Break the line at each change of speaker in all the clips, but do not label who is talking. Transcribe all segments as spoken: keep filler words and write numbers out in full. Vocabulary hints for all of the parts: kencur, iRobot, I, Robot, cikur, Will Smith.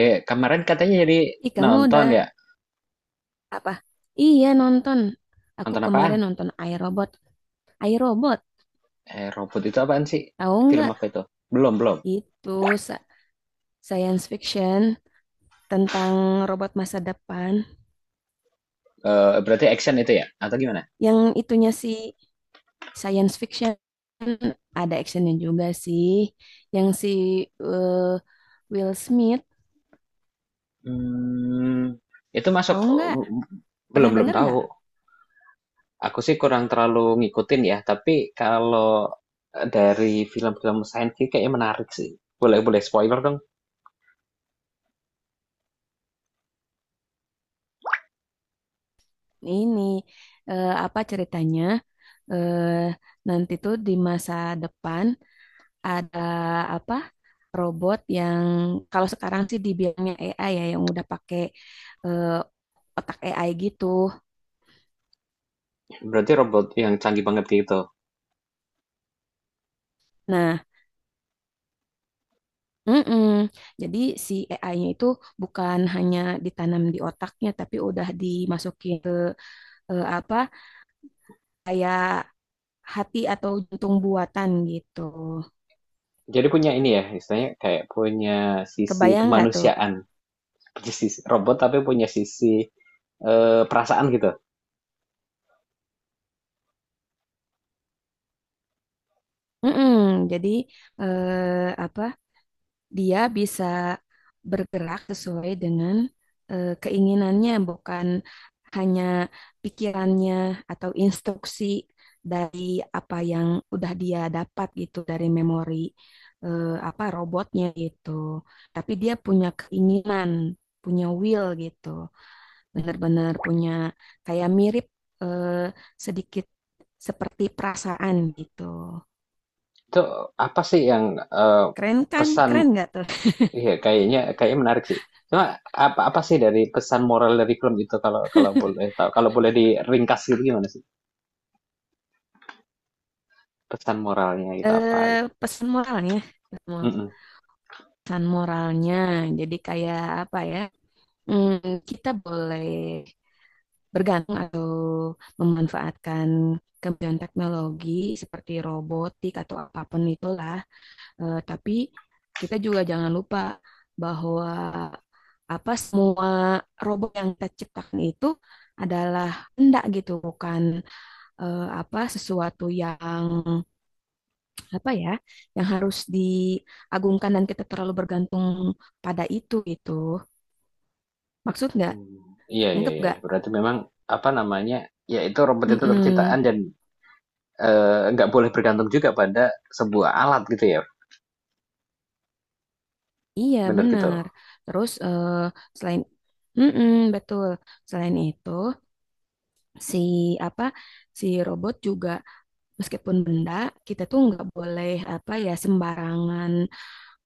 Eh, kemarin katanya jadi
Ih, kamu
nonton
udah
ya.
apa? Iya, nonton. Aku
Nonton apaan?
kemarin nonton iRobot. iRobot,
Eh, robot itu apaan sih?
tahu
Film
nggak?
apa itu? Belum, belum.
Itu sa- science fiction tentang robot masa depan.
Eh, berarti action itu ya? Atau gimana?
Yang itunya sih science fiction ada actionnya juga sih. Yang si eh, Will Smith,
Hmm, itu masuk
tahu nggak?
belum
Pernah
belum
dengar
tahu.
nggak?
Aku sih kurang terlalu ngikutin ya, tapi kalau eh, dari film-film science fiction kayaknya menarik sih. Boleh boleh spoiler dong.
Ini eh, apa ceritanya? eh Nanti tuh di masa depan ada apa robot yang kalau sekarang sih dibilangnya A I ya yang udah pakai eh, otak A I gitu.
Berarti robot yang canggih banget gitu.
Nah, mm-mm. Jadi si A I-nya itu bukan hanya ditanam di otaknya, tapi udah dimasukin ke eh, apa hati atau jantung buatan gitu.
Jadi punya ini ya, istilahnya kayak punya sisi
Kebayang nggak tuh?
kemanusiaan. Punya sisi robot tapi punya sisi eh, perasaan gitu.
Mm-mm. Jadi eh, apa dia bisa bergerak sesuai dengan eh, keinginannya, bukan hanya pikirannya atau instruksi dari apa yang udah dia dapat gitu dari memori eh, apa robotnya gitu. Tapi dia punya keinginan, punya will gitu. Benar-benar punya kayak mirip eh, sedikit seperti perasaan gitu.
Itu apa sih yang eh,
Keren kan?
pesan
Keren nggak tuh?
iya kayaknya kayaknya menarik sih. Cuma apa apa sih dari pesan moral dari film itu kalau kalau boleh tahu kalau boleh diringkas gitu gimana sih? Pesan moralnya gitu apa?
Eh,
Gitu.
pesan moralnya. Pesan moral.
Mm-mm.
Pesan moralnya. Jadi kayak apa ya? mm, Kita boleh bergantung atau memanfaatkan kemajuan teknologi seperti robotik atau apapun itulah. Eh, tapi kita juga jangan lupa bahwa apa semua robot yang kita ciptakan itu adalah hendak gitu, bukan eh, apa sesuatu yang apa ya, yang harus diagungkan dan kita terlalu bergantung pada itu gitu. Maksud nggak?
Hmm. Iya, iya,
Nangkep
iya.
nggak?
Berarti memang apa namanya? Ya itu robot itu tetap
Mm-mm.
ciptaan dan eh, nggak boleh bergantung juga pada sebuah alat gitu ya.
Iya,
Bener gitu.
benar. Terus eh, selain Mm-mm, betul. Selain itu, si apa si robot juga meskipun benda, kita tuh nggak boleh apa ya sembarangan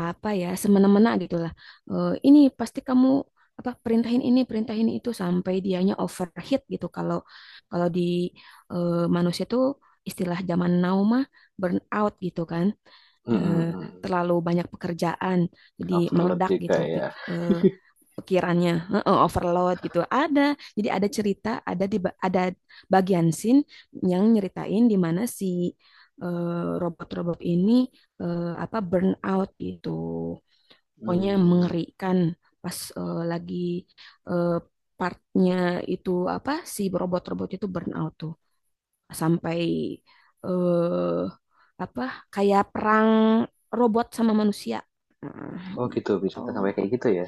apa ya semena-mena gitulah. Eh, ini pasti kamu apa perintahin ini, perintahin itu sampai dianya overheat gitu. Kalau kalau di eh, manusia tuh istilah zaman now mah burn out gitu kan. eh,
Mm-mm.
Terlalu banyak pekerjaan jadi
Overload
meledak
juga
gitu
ya.
pik- eh, pikirannya. Heeh, overload gitu ada jadi ada cerita ada di ada bagian scene yang nyeritain di mana si eh, robot-robot ini eh, apa burn out gitu pokoknya
Hmm.
mengerikan pas eh, lagi eh, partnya itu apa si robot-robot itu burn out tuh sampai eh apa kayak perang robot sama manusia. Nah,
Oh gitu, bisa
gitu.
sampai kayak gitu ya.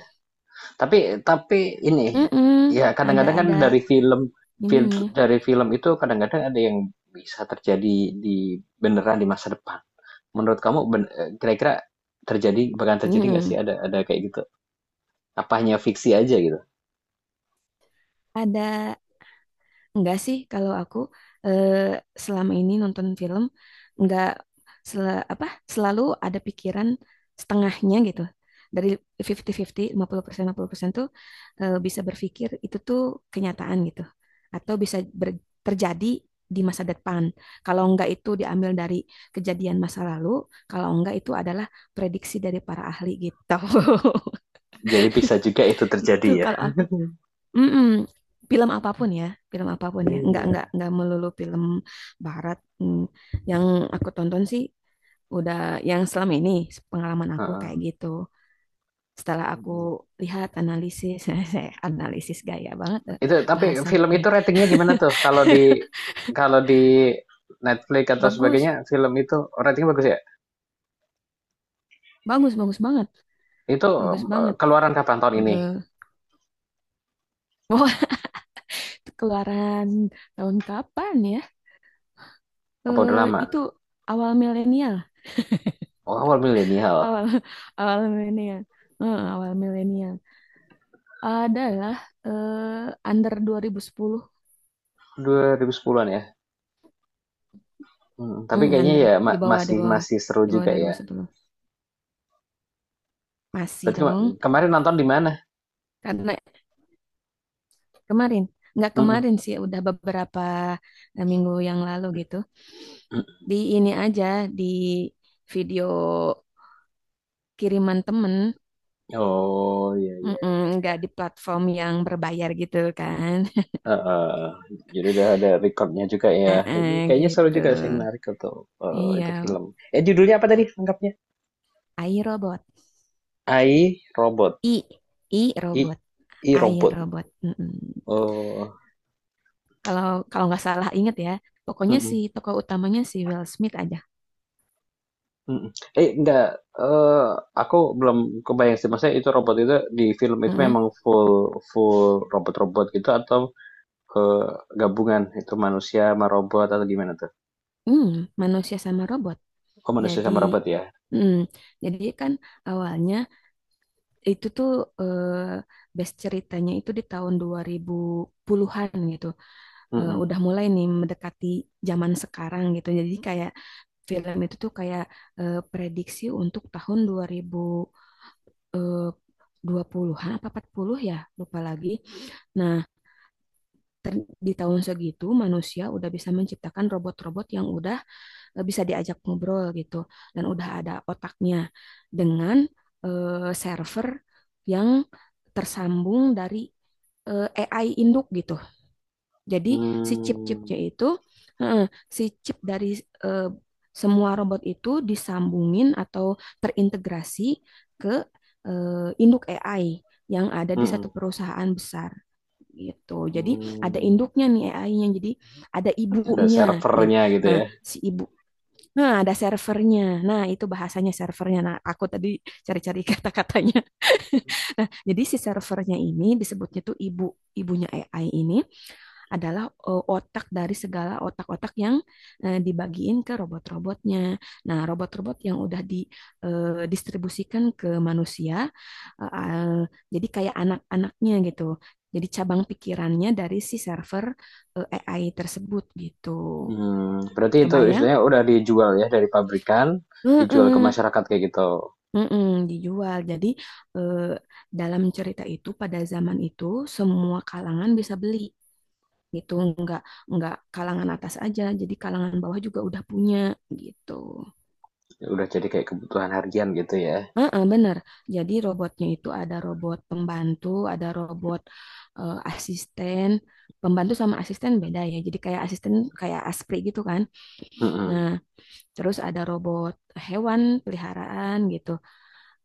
Tapi tapi ini
Mm-mm.
ya
Ada
kadang-kadang kan
ada
dari film film
ininya.
dari film itu kadang-kadang ada yang bisa terjadi di beneran di masa depan. Menurut kamu ben- eh, kira-kira terjadi bakalan terjadi nggak sih
Mm-mm.
ada ada kayak gitu? Apa hanya fiksi aja gitu?
Ada Enggak sih, kalau aku eh, selama ini nonton film enggak sel- apa selalu ada pikiran setengahnya gitu. Dari lima puluh lima puluh, lima puluh persen lima puluh persen tuh eh, bisa berpikir itu tuh kenyataan gitu. Atau bisa ber- terjadi di masa depan. Kalau enggak itu diambil dari kejadian masa lalu, kalau enggak itu adalah prediksi dari para ahli gitu.
Jadi bisa juga itu terjadi
Gitu
ya.
kalau aku. Mm-mm. Film apapun ya, film apapun ya. Enggak
Iya.
enggak enggak melulu film barat. Hmm. Yang aku tonton sih udah yang selama ini pengalaman aku
Heeh.
kayak gitu. Setelah aku
Mm-mm.
lihat analisis, saya analisis gaya banget eh,
Itu tapi film
bahasanya.
itu ratingnya gimana tuh? Kalau di kalau di Netflix atau
Bagus,
sebagainya film itu ratingnya bagus ya?
bagus, bagus banget,
Itu,
bagus
eee,
banget.
keluaran kapan tahun ini?
Eh, wah, keluaran tahun kapan ya?
Apa udah
Eh,
lama?
itu awal milenial,
Oh, awal milenial,
awal awal milenial, Eh, awal milenial. Adalah eh, under dua ribu sepuluh.
dua ribu sepuluh-an ya? Mhm, tapi
Hmm,
kayaknya
under
ya ma
di bawah di
masih
bawah
masih seru
di bawah
juga ya.
dua ribu sepuluh. Masih
Berarti kema
dong.
kemarin nonton di mana?
Karena kemarin, nggak
Mhm,
kemarin sih udah beberapa eh, minggu yang lalu gitu.
mhm.
Di ini aja di video kiriman temen.
Oh, iya, iya,
Mm-mm,
iya.
nggak di platform yang berbayar gitu kan.
Heeh, jadi udah ada record juga ya.
Heeh,
Kayaknya seru
gitu.
juga sih, menarik untuk, eee, itu
Iya,
film. Eh, judulnya apa tadi lengkapnya?
A I robot.
I, Robot.
I I
I
robot.
I,
A I
Robot.
robot.
Oh,
Kalau kalau nggak salah inget ya, pokoknya si
mhm.
tokoh utamanya si Will Smith aja.
Mhm. Eh, enggak, eee, aku belum kebayang sih, maksudnya itu robot itu di film itu
Mm-mm.
memang full full robot-robot gitu atau, eee, gabungan itu manusia sama robot atau gimana tuh?
Hmm, manusia sama robot.
Oh, manusia
Jadi,
sama robot ya?
mm, jadi kan awalnya itu tuh eh, base ceritanya itu di tahun dua ribu sepuluhan-an gitu. Eh,
Mm-mm.
udah mulai nih mendekati zaman sekarang gitu. Jadi kayak film itu tuh kayak eh, prediksi untuk tahun dua ribu eh, dua puluhan-an apa empat puluh ya, lupa lagi. Nah, Ter- di tahun segitu manusia udah bisa menciptakan robot-robot yang udah eh, bisa diajak ngobrol gitu dan udah ada otaknya dengan eh, server yang tersambung dari eh, A I induk gitu. Jadi si
Hmm,
chip-chipnya itu eh, si chip dari eh, semua robot itu disambungin atau terintegrasi ke eh, induk A I yang ada di
mmm,
satu
mhm,
perusahaan besar gitu. Jadi ada
mmm,
induknya nih A I-nya. Jadi ada
ada
ibunya. Jadi
servernya gitu
nah
ya?
si ibu nah ada servernya. Nah, itu bahasanya servernya. Nah, aku tadi cari-cari kata-katanya. Nah, jadi si servernya ini disebutnya tuh ibu ibunya A I ini adalah eh, otak dari segala otak-otak yang eh, dibagiin ke robot-robotnya. Nah, robot-robot yang udah didistribusikan uh, ke manusia, eh, eh, jadi kayak anak-anaknya gitu. Jadi cabang pikirannya dari si server eh, A I tersebut gitu.
Hmm, berarti itu
Kebayang?
istilahnya udah dijual ya dari pabrikan, dijual ke
Heeh,
masyarakat kayak gitu?
heeh, dijual. Jadi eh, dalam cerita itu pada zaman itu semua kalangan bisa beli. Gitu nggak nggak kalangan atas aja jadi kalangan bawah juga udah punya gitu.
Udah jadi kayak kebutuhan harian gitu ya?
Heeh, bener jadi robotnya itu ada robot pembantu ada robot eh, asisten pembantu sama asisten beda ya jadi kayak asisten kayak aspri gitu kan nah
Mhm.
terus ada robot hewan peliharaan gitu.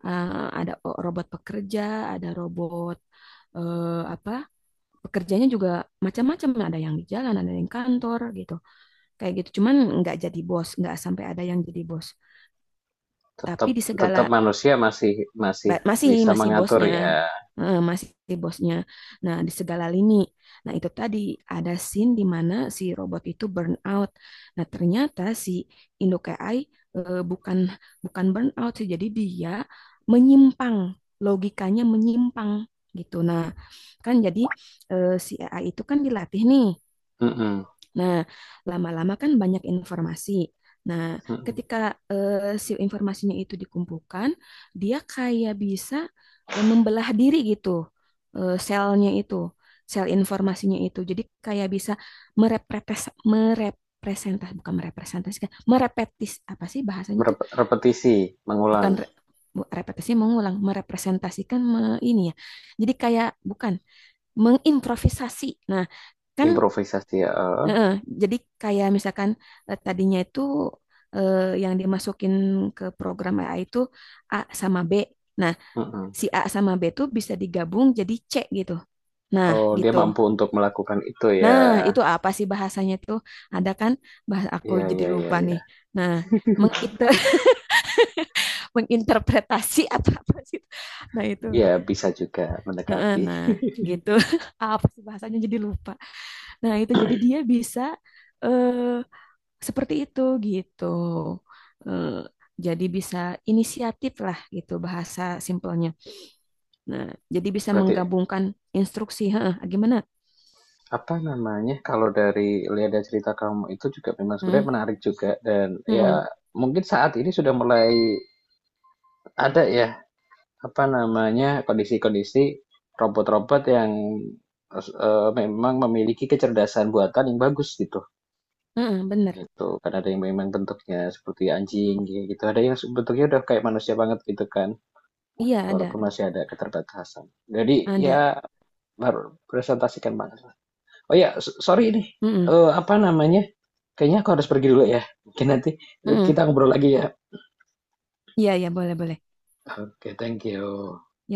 Eh, ada o- robot pekerja ada robot eh, apa pekerjanya juga macam-macam ada yang di jalan ada yang di kantor gitu kayak gitu cuman nggak jadi bos nggak sampai ada yang jadi bos tapi
tetap
di
tetap
segala
manusia masih masih
masih
bisa
masih
mengatur
bosnya.
ya,
Eh, masih bosnya nah di segala lini nah itu tadi ada scene di mana si robot itu burn out nah ternyata si Indo K I eh, bukan bukan burn out sih jadi dia menyimpang logikanya menyimpang gitu nah kan jadi eh, si A I itu kan dilatih nih.
mhm,
Nah, lama-lama kan banyak informasi. Nah,
mhm,
ketika eh, si informasinya itu dikumpulkan, dia kayak bisa eh, membelah diri gitu, eh, selnya itu, sel informasinya itu. Jadi kayak bisa merepres merepresentasi, bukan merepresentasikan, merepetis apa sih bahasanya itu?
merep repetisi, mengulang,
Bukan re- bu- repetisi mengulang, merepresentasikan me- ini ya. Jadi kayak bukan mengimprovisasi. Nah, kan
improvisasi, heeh,
Heeh, jadi kayak misalkan eh, tadinya itu eh, yang dimasukin ke program A I itu A sama B. Nah,
mhm.
si A sama B itu bisa digabung jadi C gitu. Nah,
Oh, dia
gitu.
mampu untuk melakukan itu ya.
Nah, itu apa sih bahasanya itu? Ada kan bahasa aku
ya
jadi
ya ya
lupa nih.
ya
Nah, menginter menginterpretasi atau apa sih? Nah, itu.
Iya bisa juga
Heeh,
mendekati.
Nah, gitu. Apa sih bahasanya jadi lupa. Nah, itu jadi dia bisa eh Seperti itu gitu. Eh, jadi bisa inisiatif lah gitu bahasa simpelnya. Nah, jadi bisa
Berarti,
menggabungkan instruksi. Heeh, gimana?
apa namanya, kalau dari lihat dari cerita kamu itu juga memang sebenarnya
Hmm,
menarik juga dan
hmm,
ya
hmm,
mungkin saat ini sudah mulai ada ya apa namanya, kondisi-kondisi robot-robot yang eh, memang memiliki kecerdasan buatan yang bagus gitu.
hmm, bener.
Gitu. Kan ada yang memang bentuknya seperti anjing gitu. Ada yang bentuknya udah kayak manusia banget gitu kan.
Iya
Ya,
ada,
walaupun masih ada keterbatasan. Jadi
ada.
ya baru presentasikan banget. Oh ya, sorry ini.
Hmm, hmm,
Eh, apa namanya? Kayaknya aku harus pergi dulu ya. Mungkin nanti
hmm.
kita ngobrol lagi ya.
Iya iya boleh boleh.
Oke, okay, thank you.